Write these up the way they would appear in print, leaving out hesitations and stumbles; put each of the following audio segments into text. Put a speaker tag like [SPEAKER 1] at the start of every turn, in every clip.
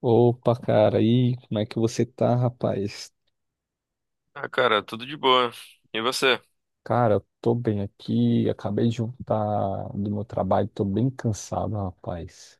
[SPEAKER 1] Opa, cara, e aí, como é que você tá, rapaz?
[SPEAKER 2] Ah, cara, tudo de boa. E você?
[SPEAKER 1] Cara, eu tô bem aqui, acabei de voltar do meu trabalho, tô bem cansado, rapaz.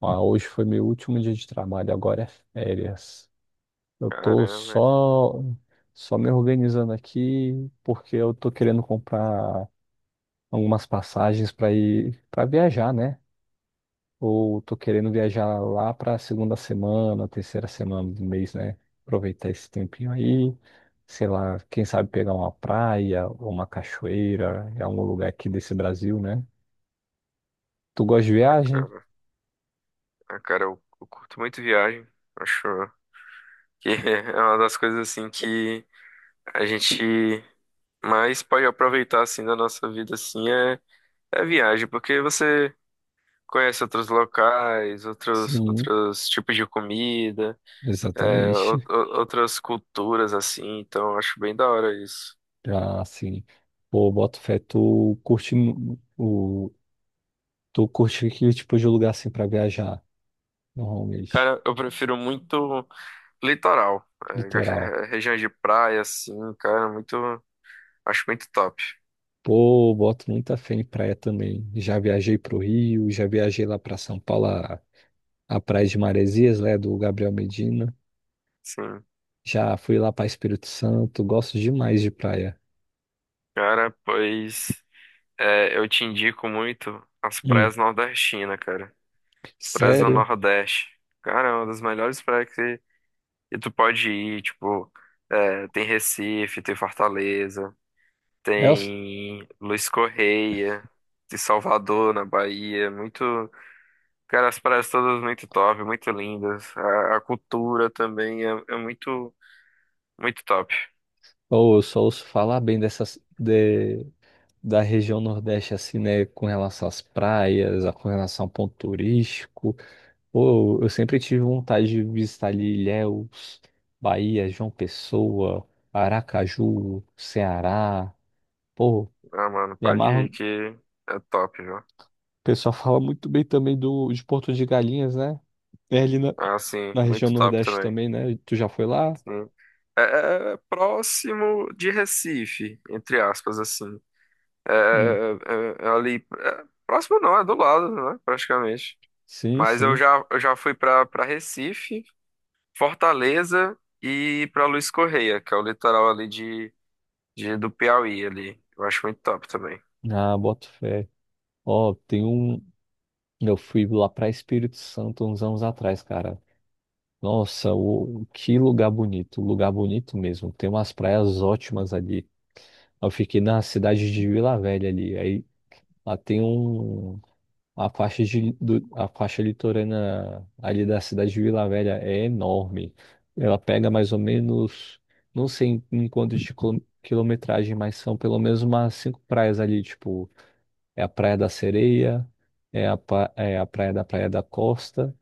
[SPEAKER 1] Ah, hoje foi meu último dia de trabalho, agora é férias. Eu tô
[SPEAKER 2] Caramba,
[SPEAKER 1] só me organizando aqui porque eu tô querendo comprar algumas passagens pra ir para viajar, né? Ou tô querendo viajar lá para a segunda semana, terceira semana do mês, né? Aproveitar esse tempinho aí, sei lá, quem sabe pegar uma praia ou uma cachoeira, em algum lugar aqui desse Brasil, né? Tu gosta de viagem?
[SPEAKER 2] cara. Ah, cara, eu curto muito viagem. Acho que é uma das coisas assim que a gente mais pode aproveitar assim da nossa vida assim é viagem, porque você conhece outros locais, outros
[SPEAKER 1] Sim,
[SPEAKER 2] outros tipos de comida,
[SPEAKER 1] exatamente.
[SPEAKER 2] outras culturas assim. Então, eu acho bem da hora isso.
[SPEAKER 1] Já assim, pô, boto fé, tu curte que tipo de lugar assim para viajar, normalmente,
[SPEAKER 2] Cara, eu prefiro muito litoral,
[SPEAKER 1] litoral.
[SPEAKER 2] regiões de praia assim, cara, muito. Acho muito top.
[SPEAKER 1] Pô, boto muita fé em praia também. Já viajei pro Rio, já viajei lá para São Paulo, a Praia de Maresias, né, do Gabriel Medina.
[SPEAKER 2] Sim.
[SPEAKER 1] Já fui lá para Espírito Santo, gosto demais de praia.
[SPEAKER 2] Cara, pois é, eu te indico muito as
[SPEAKER 1] Hum,
[SPEAKER 2] praias nordestinas, cara. As praias do
[SPEAKER 1] sério?
[SPEAKER 2] Nordeste. Cara, é uma das melhores praias que tu pode ir. Tipo, tem Recife, tem Fortaleza,
[SPEAKER 1] É, Eu,
[SPEAKER 2] tem Luiz Correia, tem Salvador, na Bahia. Muito. Cara, as praias todas muito top, muito lindas. A cultura também é muito, muito top.
[SPEAKER 1] ou eu só ouço falar bem da região Nordeste, assim, né, com relação às praias, com relação ao ponto turístico. Pô, eu sempre tive vontade de visitar ali Ilhéus, Bahia, João Pessoa, Aracaju, Ceará. Pô,
[SPEAKER 2] Ah, mano,
[SPEAKER 1] me
[SPEAKER 2] pode
[SPEAKER 1] amarro.
[SPEAKER 2] ir
[SPEAKER 1] O
[SPEAKER 2] que é top, viu?
[SPEAKER 1] pessoal fala muito bem também de Porto de Galinhas, né? É ali na-
[SPEAKER 2] Ah, sim,
[SPEAKER 1] Na região
[SPEAKER 2] muito top
[SPEAKER 1] Nordeste
[SPEAKER 2] também.
[SPEAKER 1] também, né? Tu já foi lá?
[SPEAKER 2] Sim. É, é próximo de Recife, entre aspas, assim. É,
[SPEAKER 1] Hum.
[SPEAKER 2] é- é é ali. É, próximo não, é do lado, né? Praticamente.
[SPEAKER 1] Sim,
[SPEAKER 2] Mas eu
[SPEAKER 1] sim.
[SPEAKER 2] já, eu já fui pra para Recife, Fortaleza e pra Luiz Correia, que é o litoral ali do Piauí ali. Eu acho muito top também.
[SPEAKER 1] Ah, boto fé. Ó, tem um. Eu fui lá pra Espírito Santo uns anos atrás, cara. Nossa, que lugar bonito. Lugar bonito mesmo. Tem umas praias ótimas ali. Eu fiquei na cidade de Vila Velha ali. Aí lá tem um. A faixa litorânea ali da cidade de Vila Velha é enorme. Ela pega mais ou menos, não sei em quantos de quilometragem, mas são pelo menos umas cinco praias ali, tipo, é a Praia da Sereia, é a Praia da Costa,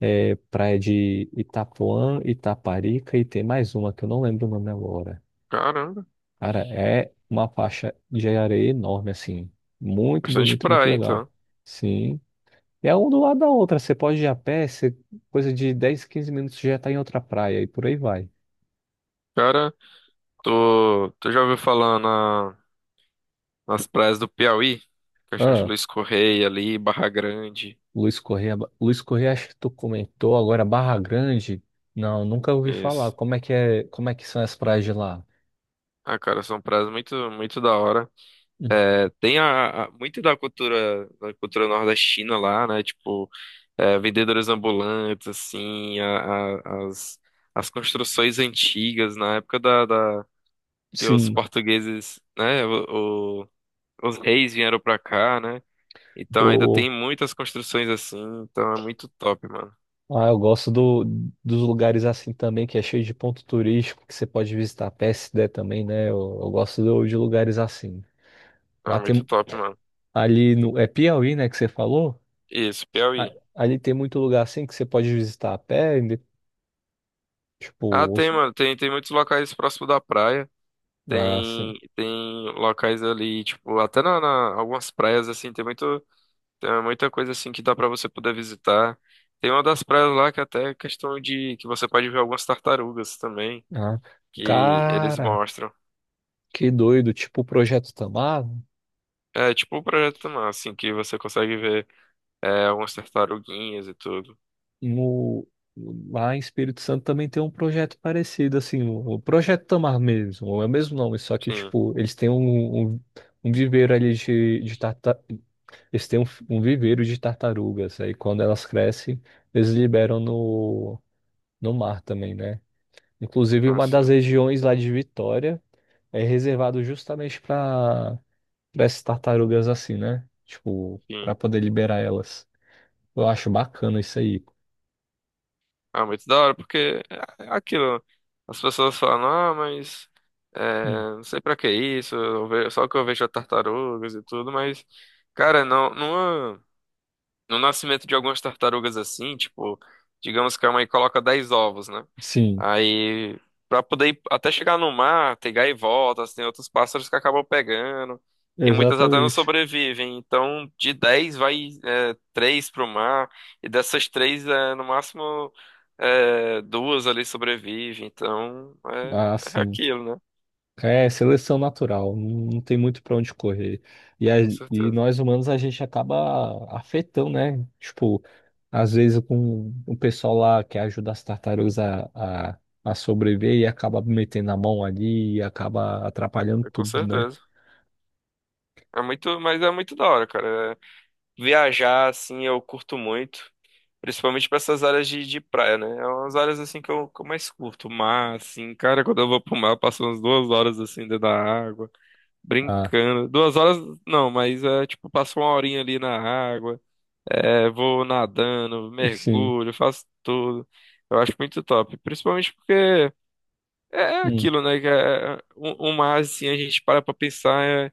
[SPEAKER 1] é Praia de Itapuã, Itaparica e tem mais uma que eu não lembro o nome agora.
[SPEAKER 2] Caramba,
[SPEAKER 1] Cara, é uma faixa de areia enorme, assim, muito
[SPEAKER 2] bastante
[SPEAKER 1] bonito, muito
[SPEAKER 2] praia,
[SPEAKER 1] legal.
[SPEAKER 2] então.
[SPEAKER 1] Sim. É um do lado da outra. Você pode ir a pé, coisa de 10, 15 minutos você já está em outra praia e por aí vai.
[SPEAKER 2] Cara, tu já ouviu falar na. Nas praias do Piauí, Caixão de
[SPEAKER 1] Ah,
[SPEAKER 2] Luiz Correia ali, Barra Grande.
[SPEAKER 1] Luiz Correia, Luiz Correia, acho que tu comentou agora Barra Grande. Não, nunca ouvi falar.
[SPEAKER 2] Isso.
[SPEAKER 1] Como é que são as praias de lá?
[SPEAKER 2] Ah, cara, são praias muito, muito da hora.
[SPEAKER 1] Hum,
[SPEAKER 2] É, tem muito da cultura nordestina lá, né? Tipo, vendedores ambulantes, assim, a- as, as construções antigas na época que os
[SPEAKER 1] Sim.
[SPEAKER 2] portugueses, né? os reis vieram pra cá, né? Então ainda tem
[SPEAKER 1] O,
[SPEAKER 2] muitas construções assim, então é muito top, mano.
[SPEAKER 1] ah, eu gosto dos lugares assim também, que é cheio de ponto turístico, que você pode visitar a pé se der também, né? Eu gosto de lugares assim.
[SPEAKER 2] É
[SPEAKER 1] Lá
[SPEAKER 2] muito
[SPEAKER 1] tem
[SPEAKER 2] top, mano.
[SPEAKER 1] ali no, é Piauí, né, que você falou?
[SPEAKER 2] Isso,
[SPEAKER 1] A
[SPEAKER 2] Piauí.
[SPEAKER 1] ali tem muito lugar assim que você pode visitar a pé, e
[SPEAKER 2] Ah,
[SPEAKER 1] tipo,
[SPEAKER 2] tem, mano. Tem muitos locais próximo da praia.
[SPEAKER 1] ah, assim.
[SPEAKER 2] Tem locais ali, tipo, até algumas praias, assim, tem muita coisa, assim, que dá pra você poder visitar. Tem uma das praias lá que até é questão de que você pode ver algumas tartarugas também,
[SPEAKER 1] Ah.
[SPEAKER 2] que eles
[SPEAKER 1] Cara,
[SPEAKER 2] mostram.
[SPEAKER 1] que doido. Tipo, o Projeto Tamar,
[SPEAKER 2] É, tipo, um projeto, mano, assim, que você consegue ver algumas tartaruguinhas e tudo.
[SPEAKER 1] no, lá em Espírito Santo também tem um projeto parecido, assim, o Projeto Tamar mesmo, é o mesmo nome, só que,
[SPEAKER 2] Sim,
[SPEAKER 1] tipo, eles têm um viveiro ali de tartar... Eles têm um viveiro de tartarugas, aí quando elas crescem, eles liberam no mar também, né? Inclusive, uma das
[SPEAKER 2] assim,
[SPEAKER 1] regiões lá de Vitória é reservado justamente para essas tartarugas assim, né? Tipo,
[SPEAKER 2] sim.
[SPEAKER 1] para poder liberar elas. Eu acho bacana isso aí.
[SPEAKER 2] Ah, muito da hora, porque é aquilo. As pessoas falam, ah, mas é,
[SPEAKER 1] Hum.
[SPEAKER 2] não sei pra que isso, só que eu vejo tartarugas e tudo, mas, cara, não, não. No nascimento de algumas tartarugas assim, tipo, digamos que a mãe coloca 10 ovos, né?
[SPEAKER 1] Sim,
[SPEAKER 2] Aí, pra poder ir até chegar no mar, tem gaivotas, tem outros pássaros que acabam pegando, e muitas até não
[SPEAKER 1] exatamente.
[SPEAKER 2] sobrevivem. Então, de 10 vai 3 pro mar, e dessas três, no máximo, duas ali sobrevivem. Então, é,
[SPEAKER 1] Ah,
[SPEAKER 2] é
[SPEAKER 1] sim.
[SPEAKER 2] aquilo, né?
[SPEAKER 1] É seleção natural, não tem muito para onde correr. E, a-
[SPEAKER 2] Com
[SPEAKER 1] e
[SPEAKER 2] certeza,
[SPEAKER 1] nós humanos a gente acaba afetando, né? Tipo, às vezes com o pessoal lá que ajuda as tartarugas a sobreviver e acaba metendo a mão ali e acaba atrapalhando
[SPEAKER 2] com
[SPEAKER 1] tudo, né?
[SPEAKER 2] certeza. É muito, mas é muito da hora, cara. É, viajar, assim, eu curto muito. Principalmente para essas áreas de praia, né? É umas áreas assim que eu mais curto. O Mar, assim, cara, quando eu vou pro mar, eu passo umas 2 horas assim dentro da água,
[SPEAKER 1] Ah,
[SPEAKER 2] brincando. 2 horas não, mas é tipo, passo uma horinha ali na água, vou nadando,
[SPEAKER 1] sim.
[SPEAKER 2] mergulho, faço tudo. Eu acho muito top. Principalmente porque é
[SPEAKER 1] Hum.
[SPEAKER 2] aquilo, né? Que é, o mar, assim, a gente para pra pensar, é,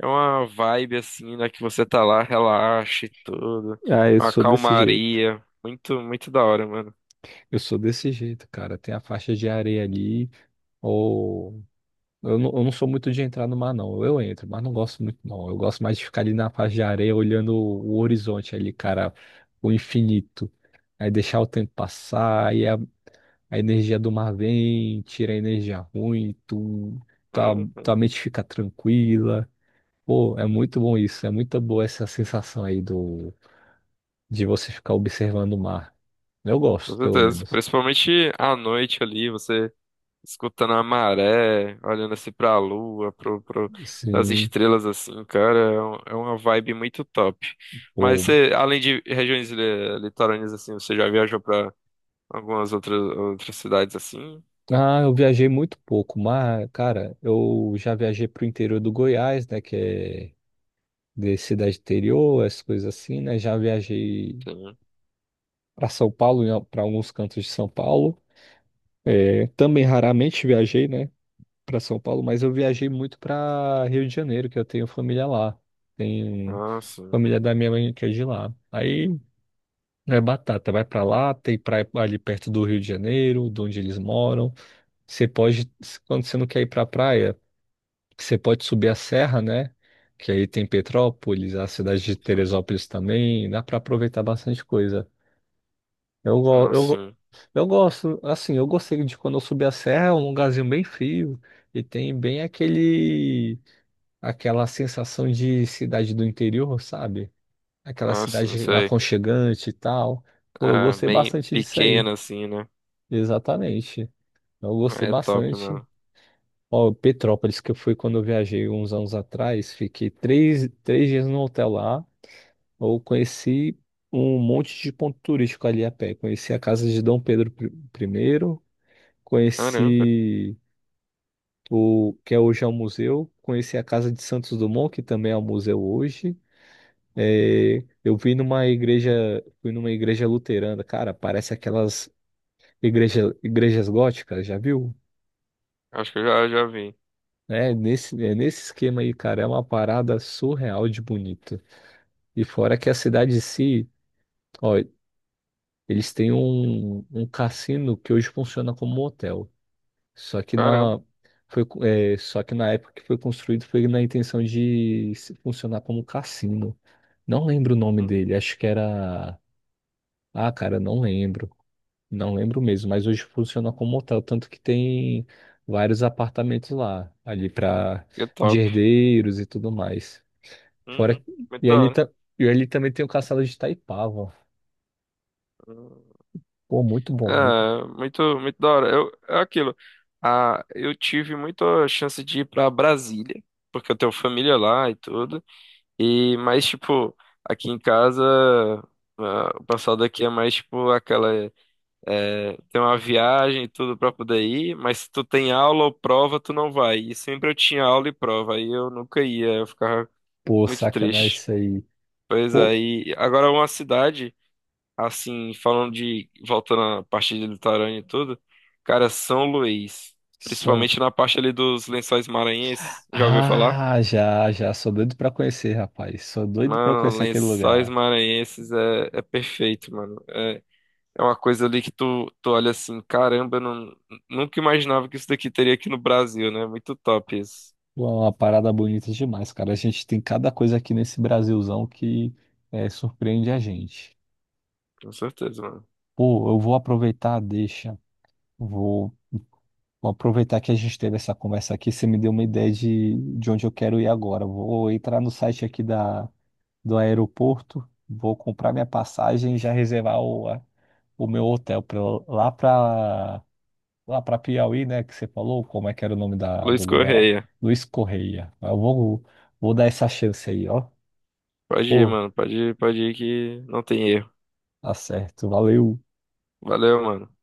[SPEAKER 2] é uma vibe assim, né? Que você tá lá, relaxa e tudo.
[SPEAKER 1] Ah, eu
[SPEAKER 2] Uma
[SPEAKER 1] sou desse jeito.
[SPEAKER 2] calmaria. Muito, muito da hora, mano.
[SPEAKER 1] Eu sou desse jeito, cara. Tem a faixa de areia ali. Ou. Eu não sou muito de entrar no mar, não. Eu entro, mas não gosto muito, não. Eu gosto mais de ficar ali na faixa de areia olhando o horizonte ali, cara. O infinito. Aí deixar o tempo passar. Aí a energia do mar vem, tira a energia ruim. Tua,
[SPEAKER 2] Uhum,
[SPEAKER 1] tua mente fica tranquila. Pô, é muito bom isso. É muito boa essa sensação aí de você ficar observando o mar. Eu
[SPEAKER 2] com
[SPEAKER 1] gosto, pelo
[SPEAKER 2] certeza.
[SPEAKER 1] menos.
[SPEAKER 2] Principalmente à noite ali, você escutando a maré, olhando assim pra lua, as
[SPEAKER 1] Sim.
[SPEAKER 2] estrelas assim, cara, é uma vibe muito top. Mas
[SPEAKER 1] Pô.
[SPEAKER 2] você, além de regiões litorâneas assim, você já viajou pra algumas outras cidades assim?
[SPEAKER 1] Ah, eu viajei muito pouco, mas, cara, eu já viajei pro interior do Goiás, né, que é de cidade interior, essas coisas assim, né? Já viajei
[SPEAKER 2] Sim.
[SPEAKER 1] para São Paulo, para alguns cantos de São Paulo. É, também raramente viajei, né, para São Paulo, mas eu viajei muito para Rio de Janeiro, que eu tenho família lá. Tenho
[SPEAKER 2] Ah, sim,
[SPEAKER 1] família da minha mãe que é de lá. Aí é batata, vai para lá, tem praia ali perto do Rio de Janeiro, de onde eles moram. Você pode, quando você não quer ir para a praia, você pode subir a serra, né? Que aí tem Petrópolis, a cidade de
[SPEAKER 2] sim.
[SPEAKER 1] Teresópolis também, dá para aproveitar bastante coisa. Eu, go-
[SPEAKER 2] Ah,
[SPEAKER 1] eu, go-
[SPEAKER 2] sim.
[SPEAKER 1] eu gosto, assim, eu gostei de quando eu subi a serra, é um lugarzinho bem frio e tem bem aquela sensação de cidade do interior, sabe? Aquela
[SPEAKER 2] Ah, sim,
[SPEAKER 1] cidade
[SPEAKER 2] isso aí.
[SPEAKER 1] aconchegante e tal. Pô, eu
[SPEAKER 2] É,
[SPEAKER 1] gostei
[SPEAKER 2] bem
[SPEAKER 1] bastante disso aí,
[SPEAKER 2] pequena assim, né?
[SPEAKER 1] exatamente. Eu gostei
[SPEAKER 2] É top,
[SPEAKER 1] bastante.
[SPEAKER 2] mano.
[SPEAKER 1] Ó, Petrópolis, que eu fui quando eu viajei uns anos atrás, fiquei 3 dias no hotel lá, eu conheci um monte de ponto turístico ali a pé. Conheci a casa de Dom Pedro I, primeiro,
[SPEAKER 2] Caramba,
[SPEAKER 1] conheci o que é hoje é um museu, conheci a casa de Santos Dumont, que também é um museu hoje. É, eu vi numa igreja, fui numa igreja luterana, cara, parece aquelas igrejas góticas, já viu?
[SPEAKER 2] acho que eu já vi.
[SPEAKER 1] É nesse esquema aí, cara. É uma parada surreal de bonito. E fora que a cidade em si, ó, eles têm um cassino que hoje funciona como um hotel. Só que
[SPEAKER 2] Caramba.
[SPEAKER 1] na, Só que na época que foi construído foi na intenção de funcionar como cassino. Não lembro o nome dele,
[SPEAKER 2] Hum.
[SPEAKER 1] acho que era. Ah, cara, não lembro. Não lembro mesmo, mas hoje funciona como hotel, tanto que tem vários apartamentos lá, ali para
[SPEAKER 2] Que
[SPEAKER 1] de
[SPEAKER 2] top.
[SPEAKER 1] herdeiros e tudo mais. Fora,
[SPEAKER 2] Uhum. Muito
[SPEAKER 1] e
[SPEAKER 2] da
[SPEAKER 1] ali,
[SPEAKER 2] hora.
[SPEAKER 1] e ali também tem o castelo de Itaipava.
[SPEAKER 2] Uhum.
[SPEAKER 1] Pô, muito bom, muito. Bom.
[SPEAKER 2] É, muito, muito da hora. É aquilo. Ah, eu tive muita chance de ir pra Brasília, porque eu tenho família lá e tudo. E, mas, tipo, aqui em casa, ah, o pessoal daqui é mais, tipo, aquela. É, tem uma viagem e tudo pra poder ir, mas se tu tem aula ou prova, tu não vai. E sempre eu tinha aula e prova, aí eu nunca ia, eu ficava
[SPEAKER 1] Pô,
[SPEAKER 2] muito
[SPEAKER 1] sacanagem
[SPEAKER 2] triste.
[SPEAKER 1] isso aí.
[SPEAKER 2] Pois
[SPEAKER 1] Pô,
[SPEAKER 2] aí, agora uma cidade. Assim, voltando à parte de litorânea e tudo, cara, São Luís,
[SPEAKER 1] são.
[SPEAKER 2] principalmente na parte ali dos Lençóis Maranhenses, já ouviu falar?
[SPEAKER 1] Ah, já, já. Sou doido pra conhecer, rapaz. Sou doido pra
[SPEAKER 2] Mano,
[SPEAKER 1] conhecer aquele
[SPEAKER 2] Lençóis
[SPEAKER 1] lugar.
[SPEAKER 2] Maranhenses é perfeito, mano. É uma coisa ali que tu olha assim, caramba, eu não, nunca imaginava que isso daqui teria aqui no Brasil, né? Muito top isso,
[SPEAKER 1] Pô, é uma parada bonita demais, cara. A gente tem cada coisa aqui nesse Brasilzão que surpreende a gente.
[SPEAKER 2] com certeza, mano.
[SPEAKER 1] Pô, eu vou aproveitar, a deixa. Vou, vou aproveitar que a gente teve essa conversa aqui. Você me deu uma ideia de onde eu quero ir agora. Vou entrar no site aqui da do aeroporto, vou comprar minha passagem e já reservar o meu hotel pra, eu- lá para lá para Piauí, né? Que você falou, como é que era o nome do
[SPEAKER 2] Luiz
[SPEAKER 1] lugar lá?
[SPEAKER 2] Correia,
[SPEAKER 1] Luiz Correia. Eu vou dar essa chance aí, ó.
[SPEAKER 2] pode ir,
[SPEAKER 1] Pô,
[SPEAKER 2] mano, pode ir que não tem erro.
[SPEAKER 1] tá certo, valeu.
[SPEAKER 2] Valeu, mano.